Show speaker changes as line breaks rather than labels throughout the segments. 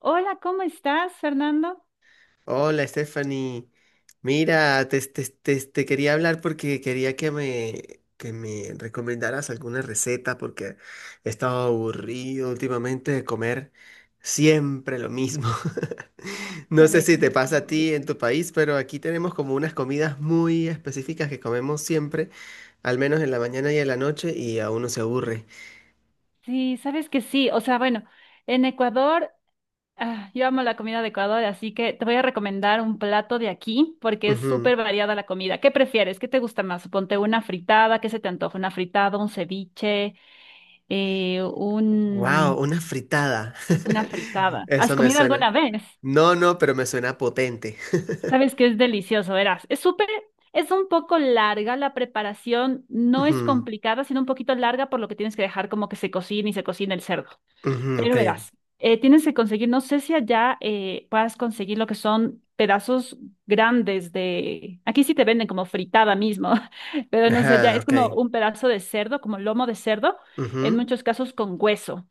Hola, ¿cómo estás, Fernando?
Hola, Stephanie. Mira, te quería hablar porque quería que me recomendaras alguna receta porque he estado aburrido últimamente de comer siempre lo mismo. No sé si te pasa a
Chéverísimo.
ti en tu país, pero aquí tenemos como unas comidas muy específicas que comemos siempre, al menos en la mañana y en la noche, y a uno se aburre.
Sí, sabes que sí. O sea, bueno, en Ecuador, yo amo la comida de Ecuador, así que te voy a recomendar un plato de aquí porque es súper variada la comida. ¿Qué prefieres? ¿Qué te gusta más? Ponte una fritada, ¿qué se te antoja? Una fritada, un ceviche, eh,
Wow,
un,
una fritada.
una fritada. ¿Has
Eso me
comido
suena.
alguna vez?
No, no, pero me suena potente.
Sabes que es delicioso, verás. Es un poco larga la preparación, no es
Ujú,
complicada, sino un poquito larga por lo que tienes que dejar como que se cocine y se cocine el cerdo.
ujú,
Pero
ok.
verás, tienes que conseguir, no sé si allá puedas conseguir lo que son pedazos grandes de, aquí sí te venden como fritada mismo, pero no sé, ya
Ajá,
es como
ok.
un pedazo de cerdo, como lomo de cerdo, en
Ujú,
muchos casos con hueso.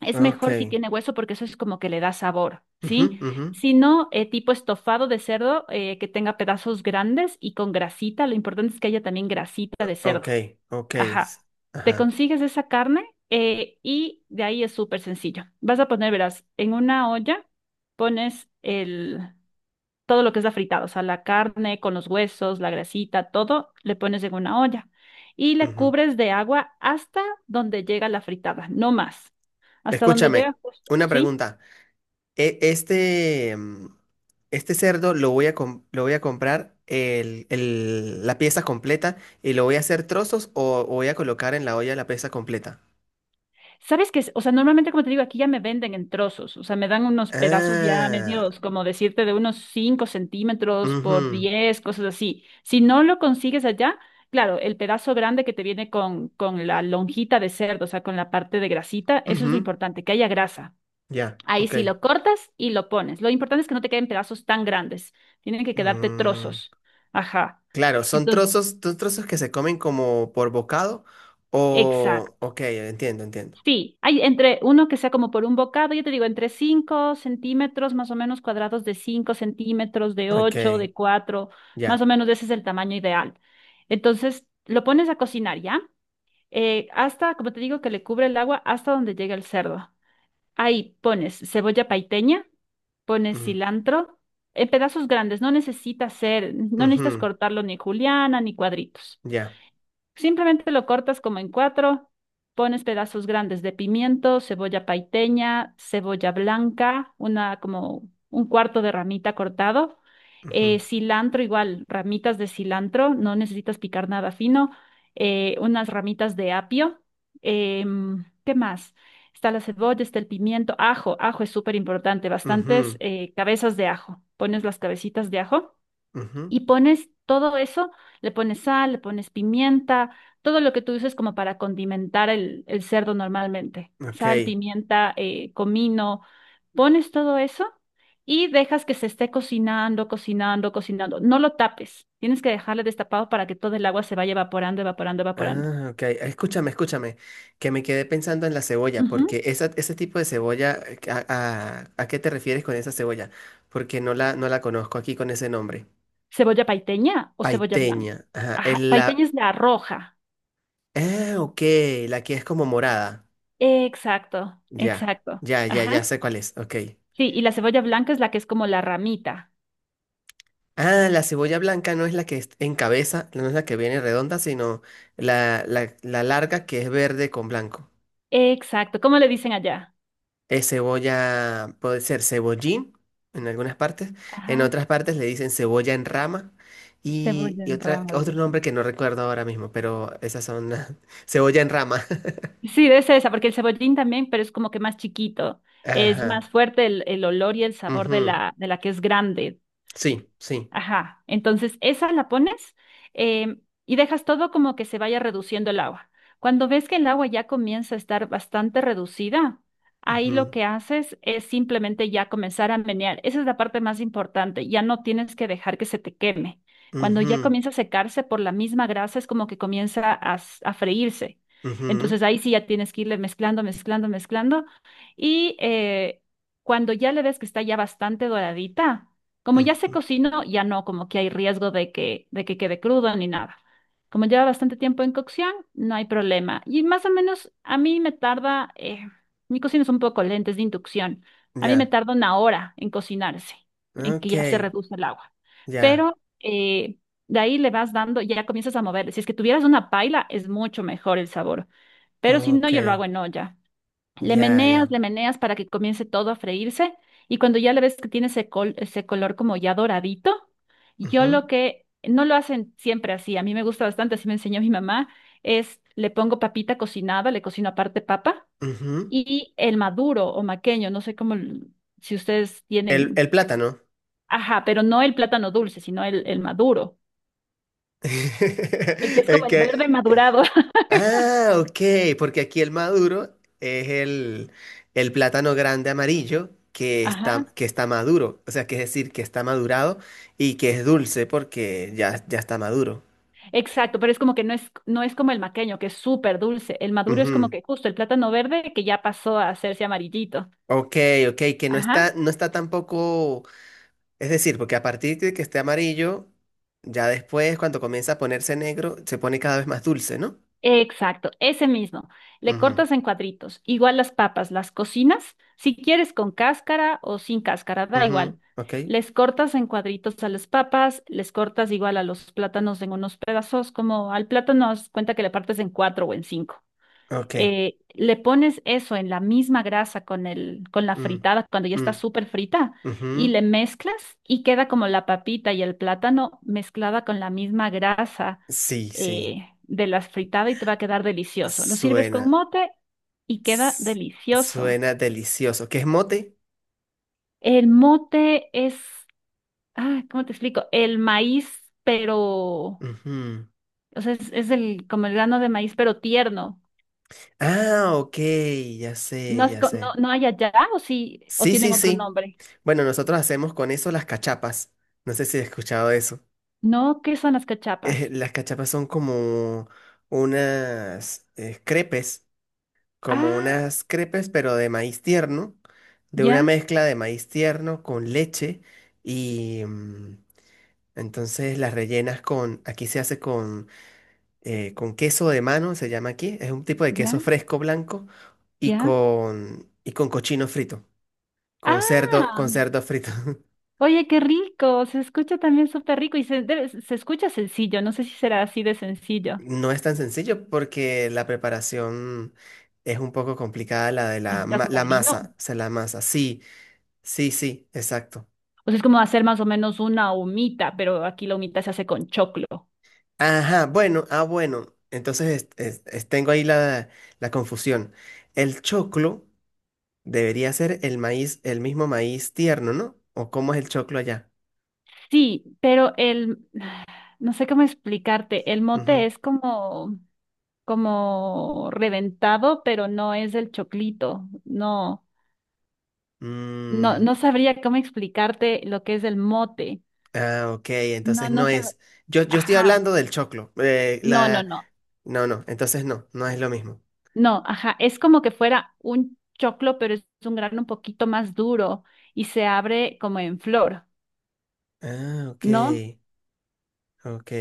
Es
ok.
mejor si tiene hueso porque eso es como que le da sabor,
Ujú,
¿sí?
ujú,
Si no, tipo estofado de cerdo que tenga pedazos grandes y con grasita. Lo importante es que haya también grasita de
ok,
cerdo.
ok. s-
Ajá. Te
Ajá.
consigues esa carne y de ahí es súper sencillo. Vas a poner, verás, en una olla pones el, todo lo que es la fritada, o sea, la carne con los huesos, la grasita, todo, le pones en una olla y le
Ujú.
cubres de agua hasta donde llega la fritada, no más, hasta donde
Escúchame,
llega justo,
una
¿sí?
pregunta. E- este, mm, este cerdo lo voy a, lo voy a comprar la pieza completa y lo voy a hacer trozos o voy a colocar en la olla la pieza completa.
¿Sabes qué? O sea, normalmente, como te digo, aquí ya me venden en trozos, o sea, me dan unos pedazos ya
Ah,
medios, como decirte, de unos 5 centímetros por
ujú,
10 cosas así. Si no lo consigues allá, claro, el pedazo grande que te viene con la lonjita de cerdo, o sea, con la parte de grasita, eso es lo
ujú,
importante, que haya grasa.
ya,
Ahí
ok.
sí lo cortas y lo pones. Lo importante es que no te queden pedazos tan grandes. Tienen que quedarte
Mm,
trozos. Ajá.
claro,
Entonces,
son trozos que se comen como por bocado o...
exacto.
Ok, entiendo, entiendo.
Sí, hay entre uno que sea como por un bocado, yo te digo, entre 5 centímetros, más o menos cuadrados de 5 centímetros, de
Ok,
8, de 4, más
ya.
o menos ese es el tamaño ideal. Entonces, lo pones a cocinar, ¿ya? Hasta, como te digo, que le cubre el agua hasta donde llegue el cerdo. Ahí pones cebolla paiteña, pones
Mm,
cilantro en pedazos grandes, no necesita ser, no necesitas
ujú,
cortarlo ni juliana ni cuadritos.
ya.
Simplemente lo cortas como en cuatro, pones pedazos grandes de pimiento, cebolla paiteña, cebolla blanca, una como un cuarto de ramita cortado,
Ujú,
cilantro igual, ramitas de cilantro, no necesitas picar nada fino, unas ramitas de apio, ¿qué más? Está la cebolla, está el pimiento, ajo, ajo es súper importante, bastantes
ujú,
cabezas de ajo, pones las cabecitas de ajo
ujú,
y pones todo eso, le pones sal, le pones pimienta, todo lo que tú uses como para condimentar el cerdo normalmente.
ok.
Sal, pimienta, comino, pones todo eso y dejas que se esté cocinando, cocinando, cocinando. No lo tapes, tienes que dejarle destapado para que todo el agua se vaya evaporando, evaporando, evaporando.
Ah, ok. Escúchame, escúchame, que me quedé pensando en la cebolla,
Ujú.
porque esa, ese tipo de cebolla, ¿a, a qué te refieres con esa cebolla? Porque no la conozco aquí con ese nombre.
¿Cebolla paiteña o cebolla blanca?
Paiteña. Ajá.
Ajá,
El
paiteña
la...
es la roja.
Ah, ok, la que es como morada.
Exacto,
Ya,
exacto.
ya, ya, ya
Ajá.
sé cuál es. Ok.
Sí, y la cebolla blanca es la que es como la ramita.
Ah, la cebolla blanca no es la que es en cabeza, no es la que viene redonda, sino la larga que es verde con blanco.
Exacto, ¿cómo le dicen allá?
Es cebolla, puede ser cebollín en algunas partes, en
Ajá,
otras partes le dicen cebolla en rama y,
cebolla en rama, le
otro nombre
dicen.
que no recuerdo ahora mismo, pero esas son las- cebolla en rama.
Sí, debe ser esa, porque el cebollín también, pero es como que más chiquito. Es más
Ajá.
fuerte el olor y el sabor de
Ujú,
de la que es grande.
sí, sí.
Ajá, entonces esa la pones y dejas todo como que se vaya reduciendo el agua. Cuando ves que el agua ya comienza a estar bastante reducida, ahí lo
Ujú,
que haces es simplemente ya comenzar a menear. Esa es la parte más importante, ya no tienes que dejar que se te queme. Cuando ya
ujú,
comienza a secarse por la misma grasa, es como que comienza a, a freírse.
ujú,
Entonces ahí sí ya tienes que irle mezclando, mezclando, mezclando. Y cuando ya le ves que está ya bastante doradita, como ya se
ujú,
cocinó, ya no como que hay riesgo de de que quede crudo ni nada. Como lleva bastante tiempo en cocción, no hay problema. Y más o menos a mí me tarda, mi cocina es un poco lenta, es de inducción. A mí me
ya.
tarda 1 hora en cocinarse, en que
Ok.
ya se reduce el agua.
Ya.
Pero de ahí le vas dando, ya comienzas a mover. Si es que tuvieras una paila, es mucho mejor el sabor. Pero si no,
Ok,
yo lo hago en olla.
ya, ya.
Le meneas para que comience todo a freírse y cuando ya le ves que tiene ese, ese color como ya doradito, yo
Ujú,
lo que no lo hacen siempre así, a mí me gusta bastante, así me enseñó mi mamá, es le pongo papita cocinada, le cocino aparte papa
ujú.
y el maduro o maqueño, no sé cómo, si ustedes tienen,
El plátano.
ajá, pero no el plátano dulce, sino el maduro, el que es como
Es
el verde
que...
madurado,
Ah, ok, porque aquí el maduro es el plátano grande amarillo
ajá.
que está maduro. O sea, que es decir, que está madurado y que es dulce porque ya, ya está maduro.
Exacto, pero es como que no es, no es como el maqueño, que es súper dulce. El maduro es como
Ujú.
que justo el plátano verde que ya pasó a hacerse amarillito.
Ok, ok, que no
Ajá.
está, no está tampoco... Es decir, porque a partir de que esté amarillo, ya después, cuando comienza a ponerse negro, se pone cada vez más dulce, ¿no?
Exacto, ese mismo. Le
Ujú,
cortas en cuadritos. Igual las papas, las cocinas, si quieres con cáscara o sin cáscara, da
ujú,
igual.
ok,
Les cortas en cuadritos a las papas, les cortas igual a los plátanos en unos pedazos, como al plátano haz cuenta que le partes en cuatro o en cinco.
ok.
Le pones eso en la misma grasa con con la
Mm,
fritada cuando ya está
mm,
súper frita y
ujú,
le mezclas y queda como la papita y el plátano mezclada con la misma grasa
sí, sí.
de las fritadas y te va a quedar delicioso. Lo sirves con
Suena.
mote y queda
S-
delicioso.
Suena delicioso. ¿Qué es mote?
El mote es, ah, ¿cómo te explico? El maíz, pero, o
Ujú.
sea, como el grano de maíz, pero tierno.
Ah, ok, ya
No,
sé, ya
no,
sé.
no hay allá o sí, o
Sí,
tienen
sí,
otro
sí.
nombre.
Bueno, nosotros hacemos con eso las cachapas. No sé si has escuchado eso.
No, ¿qué son las cachapas?
Las cachapas son como unas crepes, como
Ah,
unas crepes, pero de maíz tierno, de una
ya,
mezcla de maíz tierno con leche y mm, entonces las rellenas con, aquí se hace con queso de mano, se llama aquí, es un tipo de
ya,
queso fresco blanco
ya.
y con cochino frito,
Ah,
con cerdo frito.
oye, qué rico. Se escucha también súper rico y se, se escucha sencillo. No sé si será así de sencillo.
No es tan sencillo porque la preparación es un poco complicada, la de
¿Necesitas
la
molino?
masa, o sea, la masa, sí, sí, sí, exacto.
O sea, es como hacer más o menos una humita, pero aquí la humita se hace con choclo.
Ajá, bueno, ah, bueno. Entonces tengo ahí la, la confusión. El choclo debería ser el maíz, el mismo maíz tierno, ¿no? ¿O cómo es el choclo allá?
Sí, pero el, no sé cómo explicarte, el
Ujú.
mote es como, como reventado, pero no es el choclito. No, no,
Mm,
no sabría cómo explicarte lo que es el mote.
ah, ok,
No,
entonces
no
no
sabe.
es. Yo estoy
Ajá.
hablando del choclo. Eh,
No, no,
la...
no.
No, no, entonces no, no es lo mismo.
No, ajá. Es como que fuera un choclo, pero es un grano un poquito más duro y se abre como en flor,
Ah, ok,
¿no?
ok,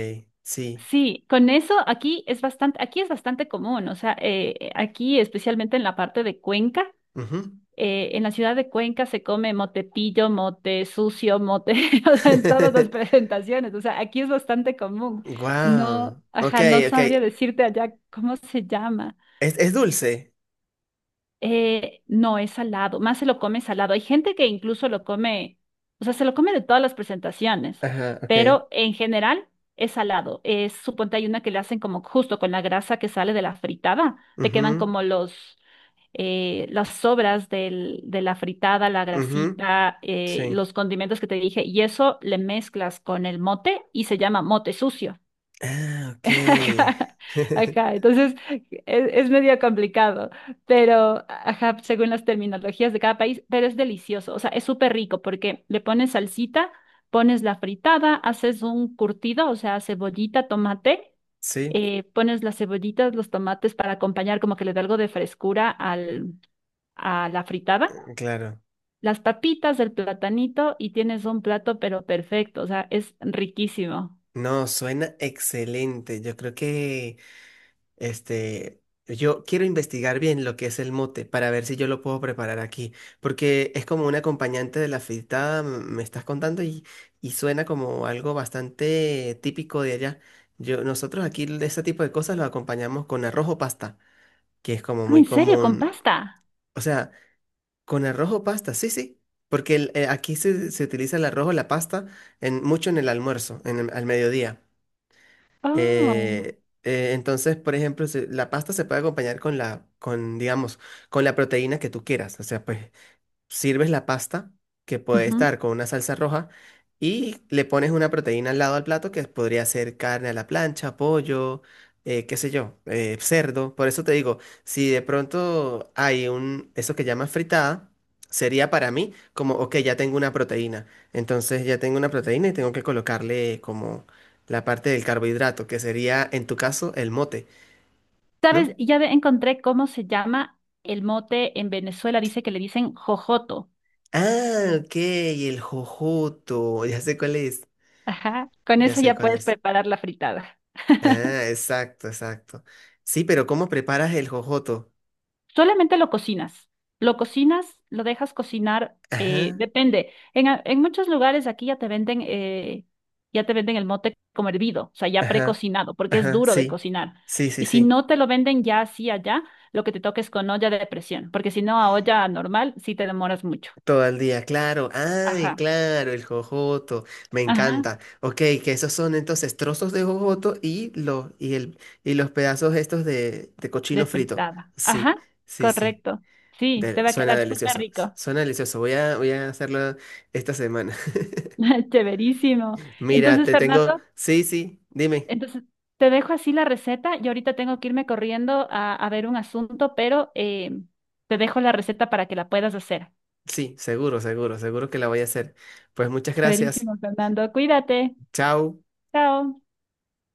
sí.
Sí, con eso aquí es bastante común. O sea, aquí especialmente en la parte de Cuenca,
Ujú.
en la ciudad de Cuenca se come motetillo, mote sucio, mote, o sea, en todas las presentaciones. O sea, aquí es bastante común. No,
Wow, ok,
ajá, no
ok.
sabría decirte allá cómo se llama.
Es dulce.
No, es salado, más se lo come salado. Hay gente que incluso lo come, o sea, se lo come de todas las presentaciones,
Ajá, ok.
pero en general es salado. Es, suponte hay una que le hacen como justo con la grasa que sale de la fritada, te quedan
Ujú,
como los, las sobras de la fritada, la
ujú.
grasita,
Sí.
los condimentos que te dije, y eso le mezclas con el mote y se llama mote sucio.
Ah, ok.
Ajá, ajá, entonces es, medio complicado, pero ajá, según las terminologías de cada país, pero es delicioso, o sea, es súper rico porque le pones salsita, pones la fritada, haces un curtido, o sea, cebollita, tomate,
Sí,
pones las cebollitas, los tomates para acompañar, como que le da algo de frescura a la fritada,
claro.
las papitas, el platanito y tienes un plato, pero perfecto, o sea, es riquísimo.
No, suena excelente. Yo creo que, este, yo quiero investigar bien lo que es el mote para ver si yo lo puedo preparar aquí, porque es como un acompañante de la fritada, me estás contando y suena como algo bastante típico de allá. Yo, nosotros aquí de ese tipo de cosas lo acompañamos con arroz o pasta, que es como
Ah,
muy
¿en serio? ¿Con
común.
pasta?
O sea, con arroz o pasta, sí, sí. Porque aquí se, se utiliza el arroz o la pasta en, mucho en el almuerzo, en al mediodía.
Oh.
Entonces, por ejemplo, la pasta se puede acompañar con la, con, digamos, con la proteína que tú quieras. O sea, pues sirves la pasta, que puede
Ujú.
estar con una salsa roja, y le pones una proteína al lado al plato, que podría ser carne a la plancha, pollo, qué sé yo, cerdo. Por eso te digo, si de pronto hay un, eso que llamas fritada, sería para mí como, ok, ya tengo una proteína. Entonces ya tengo una proteína y tengo que colocarle como la parte del carbohidrato, que sería en tu caso el mote, ¿no?
¿Sabes? Encontré cómo se llama el mote en Venezuela. Dice que le dicen jojoto.
Ah, ok, el jojoto, ya sé cuál es,
Ajá. Con
ya
eso
sé
ya
cuál
puedes
es.
preparar la fritada.
Ah, exacto, exacto. Sí, pero ¿cómo preparas el jojoto?
Solamente lo cocinas. Lo cocinas, lo dejas cocinar.
Ajá,
Depende. En muchos lugares aquí ya te venden el mote como hervido, o sea, ya
ajá,
precocinado, porque es
ajá,
duro de
sí,
cocinar.
sí, sí,
Y si
sí.
no te lo venden ya así allá, lo que te toques con olla de presión, porque si no a olla normal sí te demoras mucho.
Todo el día, claro. Ay,
Ajá.
claro, el jojoto. Me
Ajá.
encanta. Ok, que esos son entonces trozos de jojoto y los, y el, y los pedazos estos de cochino
De
frito.
fritada.
Sí,
Ajá,
sí, sí.
correcto. Sí, te
Del
va a
suena
quedar súper
delicioso. S-
rico.
Suena delicioso. Voy a, voy a hacerlo esta semana.
Chéverísimo.
Mira,
Entonces,
te tengo.
Fernando,
Sí, sí, dime.
entonces te dejo así la receta. Yo ahorita tengo que irme corriendo a ver un asunto, pero te dejo la receta para que la puedas hacer.
Sí, seguro, seguro, seguro que la voy a hacer. Pues muchas gracias.
Chéverísimo, Fernando. Cuídate.
Chao.
Chao.